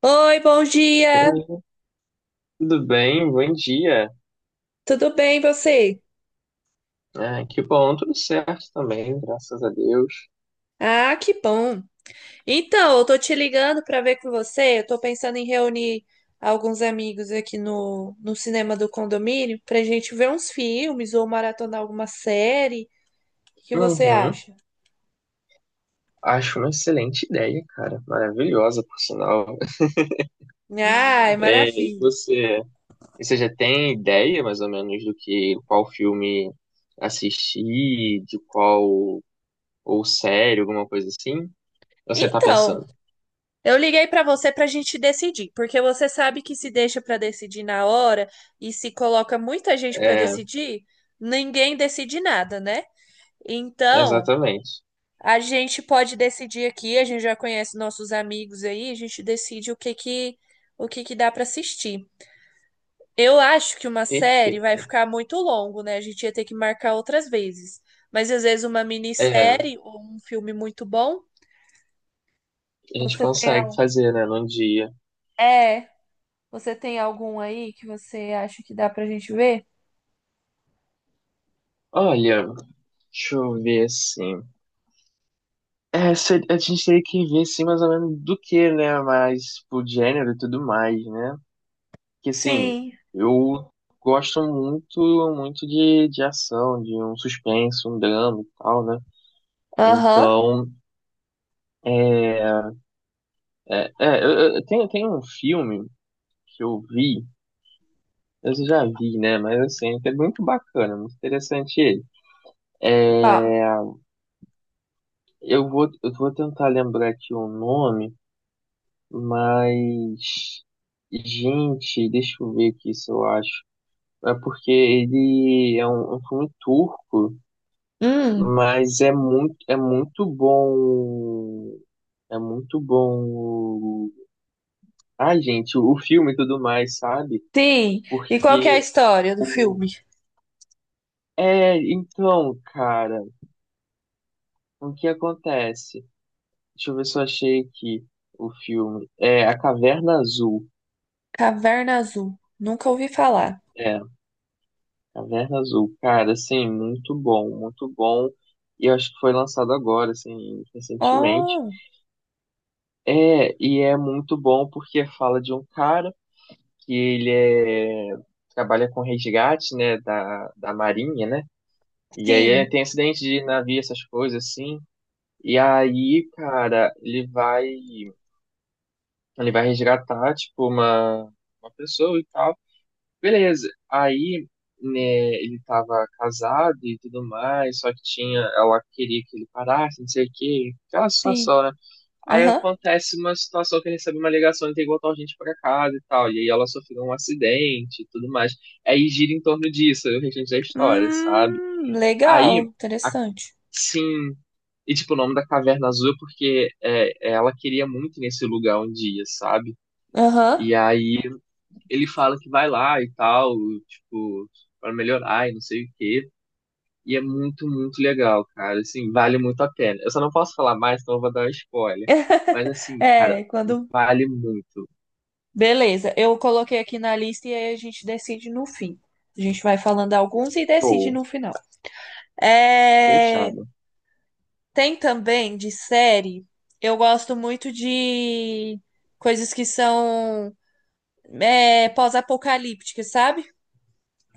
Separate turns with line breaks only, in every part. Oi, bom dia.
Oi, tudo bem? Bom dia.
Tudo bem, você?
Ah, que bom, tudo certo também, graças a Deus.
Ah, que bom. Então, eu tô te ligando para ver com você. Eu tô pensando em reunir alguns amigos aqui no cinema do condomínio pra gente ver uns filmes ou maratonar alguma série. O que você
Uhum.
acha?
Acho uma excelente ideia, cara. Maravilhosa, por sinal.
Ai,
É, e
maravilha.
você, e você já tem ideia, mais ou menos, do que qual filme assistir, de qual ou série, alguma coisa assim? Você tá
Então,
pensando?
eu liguei pra você pra gente decidir, porque você sabe que se deixa pra decidir na hora e se coloca muita gente pra
É,
decidir, ninguém decide nada, né? Então,
exatamente.
a gente pode decidir aqui, a gente já conhece nossos amigos aí, a gente decide o que que dá para assistir. Eu acho que uma série vai
Perfeito.
ficar muito longo, né? A gente ia ter que marcar outras vezes. Mas às vezes uma
É, a
minissérie ou um filme muito bom.
gente
Você tem
consegue
al-
fazer, né, num dia.
É, você tem algum aí que você acha que dá pra gente ver?
Olha, deixa eu ver assim. É, a gente teria que ver, assim, mais ou menos do que, né? Mas, pro gênero e tudo mais, né? Porque assim,
Sim.
eu gosto muito, muito de ação, de um suspense, um drama e tal, né?
Aham.
Então, é, tem um filme que eu já vi, né? Mas, assim, é muito bacana, muito interessante ele.
Qual?
Eu vou tentar lembrar aqui o nome, mas... Gente, deixa eu ver aqui se eu acho. É porque ele é um filme turco,
Hum,
mas é muito bom. É muito bom. Ai, gente, o filme e tudo mais, sabe?
sim. E qual que é a
Porque
história do
o.
filme?
É, então, cara, o que acontece? Deixa eu ver se eu achei aqui o filme. É A Caverna Azul.
Caverna Azul. Nunca ouvi falar.
É, Caverna Azul. Cara, assim, muito bom, muito bom. E eu acho que foi lançado agora, assim, recentemente.
Oh.
É, e é muito bom porque fala de um cara que ele é, trabalha com resgate, né, da marinha, né? E aí
Sim,
tem acidente de navio, essas coisas assim. E aí, cara, ele vai resgatar, tipo, uma pessoa e tal. Beleza. Aí, né, ele tava casado e tudo mais, só que tinha, ela queria que ele parasse, não sei o quê. Aquela
sim.
situação, né? Aí
Aham.
acontece uma situação que recebe uma ligação e tem que voltar urgente pra casa e tal. E aí ela sofreu um acidente e tudo mais. Aí gira em torno disso, aí o restante da história, sabe? Aí,
Legal, interessante.
sim. E tipo, o nome da Caverna Azul é porque ela queria muito ir nesse lugar um dia, sabe?
Aham.
E aí ele fala que vai lá e tal, tipo, pra melhorar e não sei o quê. E é muito, muito legal, cara. Assim, vale muito a pena. Eu só não posso falar mais, então eu vou dar um spoiler. Mas assim, cara,
É, quando.
vale muito.
Beleza, eu coloquei aqui na lista e aí a gente decide no fim. A gente vai falando alguns e decide
Show.
no final. É,
Fechado.
tem também de série, eu gosto muito de coisas que são pós-apocalípticas, sabe?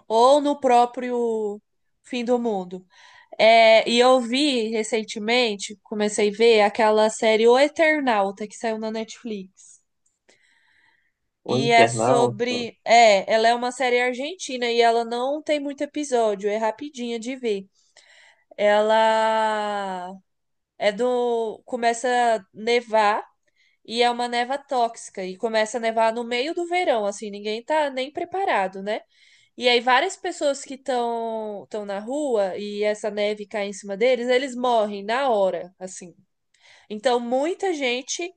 Ou no próprio fim do mundo. É, e eu vi recentemente, comecei a ver aquela série O Eternauta que saiu na Netflix.
O
E é
internauta.
sobre. É, ela é uma série argentina e ela não tem muito episódio, é rapidinha de ver. Ela é do. Começa a nevar e é uma neva tóxica e começa a nevar no meio do verão, assim, ninguém tá nem preparado, né? E aí várias pessoas que estão na rua e essa neve cai em cima deles, eles morrem na hora, assim. Então muita gente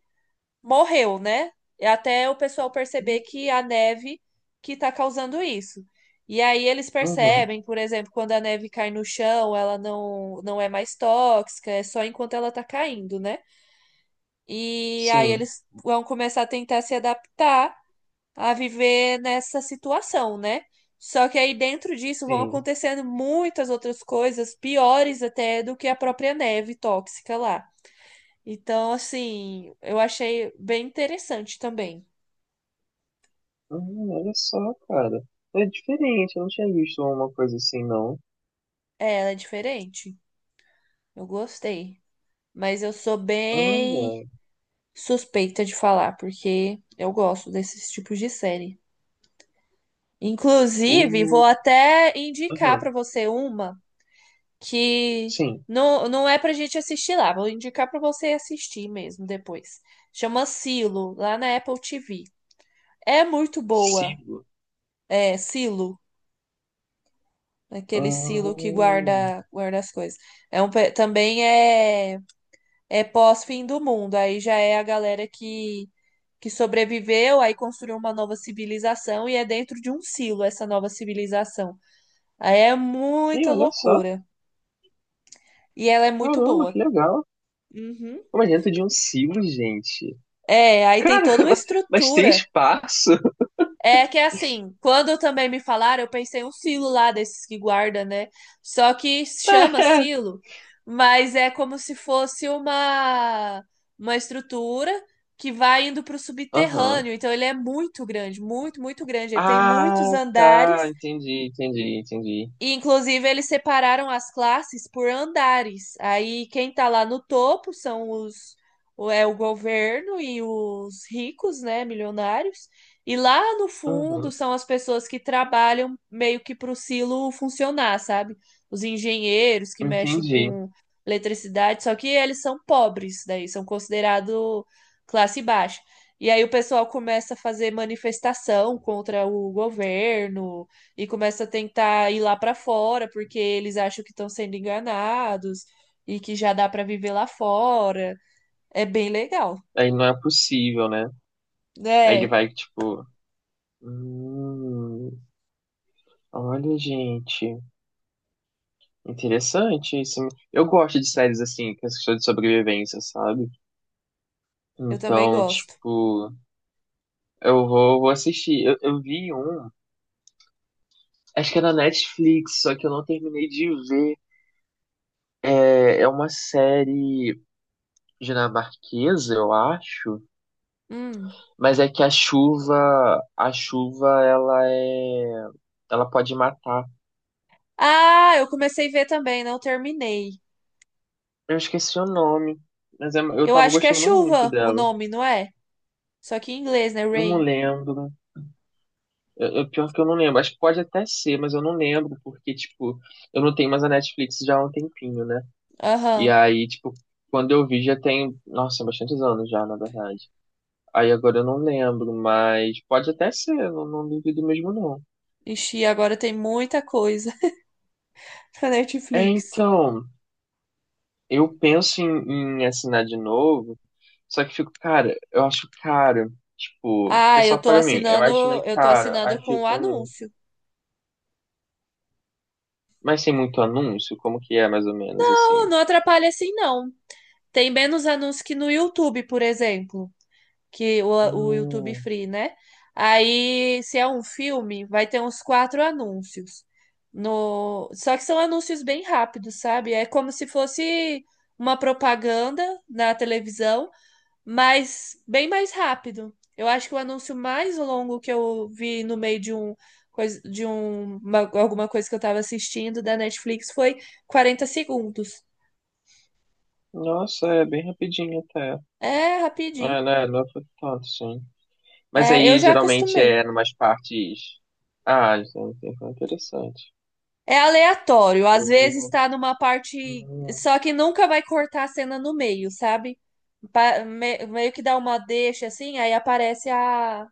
morreu, né? Até o pessoal perceber que a neve que tá causando isso. E aí eles
Uhum.
percebem, por exemplo, quando a neve cai no chão, ela não é mais tóxica, é só enquanto ela tá caindo, né? E aí
Sim,
eles vão começar a tentar se adaptar a viver nessa situação, né? Só que aí dentro disso vão
sim.
acontecendo muitas outras coisas piores até do que a própria neve tóxica lá. Então, assim, eu achei bem interessante também.
Uhum, olha só, cara. É diferente, eu não tinha visto uma coisa assim, não.
É, ela é diferente. Eu gostei. Mas eu sou bem
Olha.
suspeita de falar, porque eu gosto desses tipos de série. Inclusive, vou
O.
até indicar
Aham.
para você uma. Que
Sim.
não é pra gente assistir lá. Vou indicar pra você assistir mesmo depois. Chama Silo, lá na Apple TV. É muito boa.
Sibo.
É, Silo, aquele Silo que
Hum.
guarda as coisas. Também é, é pós-fim do mundo. Aí já é que sobreviveu, aí construiu uma nova civilização e é dentro de um silo essa nova civilização. Aí é
E
muita
olha só.
loucura. E ela é muito
Caramba,
boa.
que legal.
Uhum.
Como é dentro de um sibo, gente.
É, aí tem toda uma
Caramba, mas tem
estrutura.
espaço?
É que é assim, quando também me falaram, eu pensei um silo lá desses que guarda, né? Só que chama
É.
silo, mas é como se fosse uma estrutura que vai indo para o
Aham.
subterrâneo. Então ele é muito grande, muito, muito grande. Ele tem muitos
Ah, tá.
andares
Entendi, entendi, entendi.
e, inclusive, eles separaram as classes por andares. Aí, quem tá lá no topo são é o governo e os ricos, né, milionários. E lá no fundo
Uhum.
são as pessoas que trabalham meio que pro silo funcionar, sabe? Os engenheiros que mexem
Entendi.
com eletricidade, só que eles são pobres, daí são considerados classe baixa. E aí o pessoal começa a fazer manifestação contra o governo e começa a tentar ir lá para fora porque eles acham que estão sendo enganados e que já dá para viver lá fora. É bem legal.
Aí não é possível, né? Aí ele
É,
vai, tipo. Hum, olha, gente. Interessante isso. Eu gosto de séries assim, que são de sobrevivência, sabe?
eu também
Então,
gosto.
tipo, eu vou assistir. Eu vi um, acho que é na Netflix, só que eu não terminei de ver. É uma série dinamarquesa, eu acho,
Hum.
mas é que a chuva ela é, ela pode matar.
Ah, eu comecei a ver também, não terminei.
Eu esqueci o nome, mas eu
Eu
tava
acho que é
gostando muito
chuva o
dela.
nome, não é? Só que em inglês, né?
Eu não
Rain.
lembro. Pior que eu não lembro. Acho que pode até ser, mas eu não lembro, porque, tipo, eu não tenho mais a Netflix já há um tempinho, né? E
Aham.
aí, tipo, quando eu vi já tem, nossa, bastantes anos já, na verdade. Aí agora eu não lembro, mas pode até ser, eu não duvido mesmo não.
Ixi, agora tem muita coisa na
É,
Netflix.
então, eu penso em assinar de novo, só que fico, cara, eu acho caro, tipo, porque é
Ah,
só para mim, eu acho meio
eu tô
caro,
assinando
aí
com o
fico,
anúncio.
mas tem muito anúncio, como que é mais ou menos
Não,
assim?
não atrapalha assim, não. Tem menos anúncios que no YouTube, por exemplo, que o YouTube
Hum,
Free, né? Aí, se é um filme, vai ter uns quatro anúncios. No... Só que são anúncios bem rápidos, sabe? É como se fosse uma propaganda na televisão, mas bem mais rápido. Eu acho que o anúncio mais longo que eu vi no meio de um alguma coisa que eu estava assistindo da Netflix foi 40 segundos.
Nossa, é bem rapidinho até.
É rapidinho.
É, né? Não foi tanto, sim. Mas
É, eu
aí
já
geralmente
acostumei.
é numas partes. Ah, gente, foi interessante.
É aleatório. Às
Eu
vezes
vou-
tá numa parte.
Hum.
Só que nunca vai cortar a cena no meio, sabe? Meio que dá uma deixa assim, aí aparece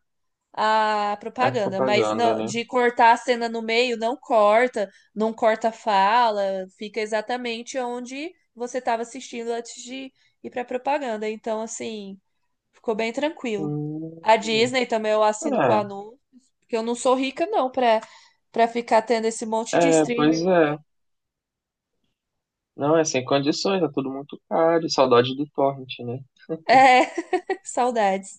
a
É
propaganda. Mas
propaganda, né?
de cortar a cena no meio, não corta, não corta a fala, fica exatamente onde você estava assistindo antes de ir pra propaganda. Então, assim, ficou bem tranquilo. A
Hum,
Disney também eu assino com a Nu. Porque eu não sou rica, não, pra ficar tendo esse monte de
Pois
streamer.
é. Não, é sem condições, é tudo muito caro. Saudade do Torrent, né?
É, saudades.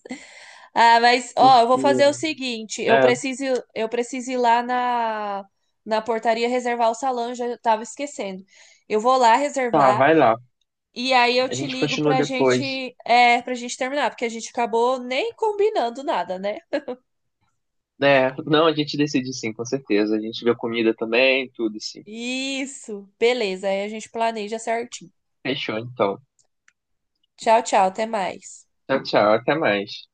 Ah, mas, ó, eu vou
Porque,
fazer o seguinte:
é,
eu preciso ir lá na portaria reservar o salão, já tava esquecendo. Eu vou lá
tá,
reservar
vai lá.
e aí eu
A
te
gente
ligo
continua
pra
depois.
gente, pra gente terminar, porque a gente acabou nem combinando nada, né?
É, não, a gente decide sim, com certeza. A gente vê a comida também, tudo sim.
Isso, beleza, aí a gente planeja certinho.
Fechou, então.
Tchau, tchau, até mais.
Tchau, tchau, até mais.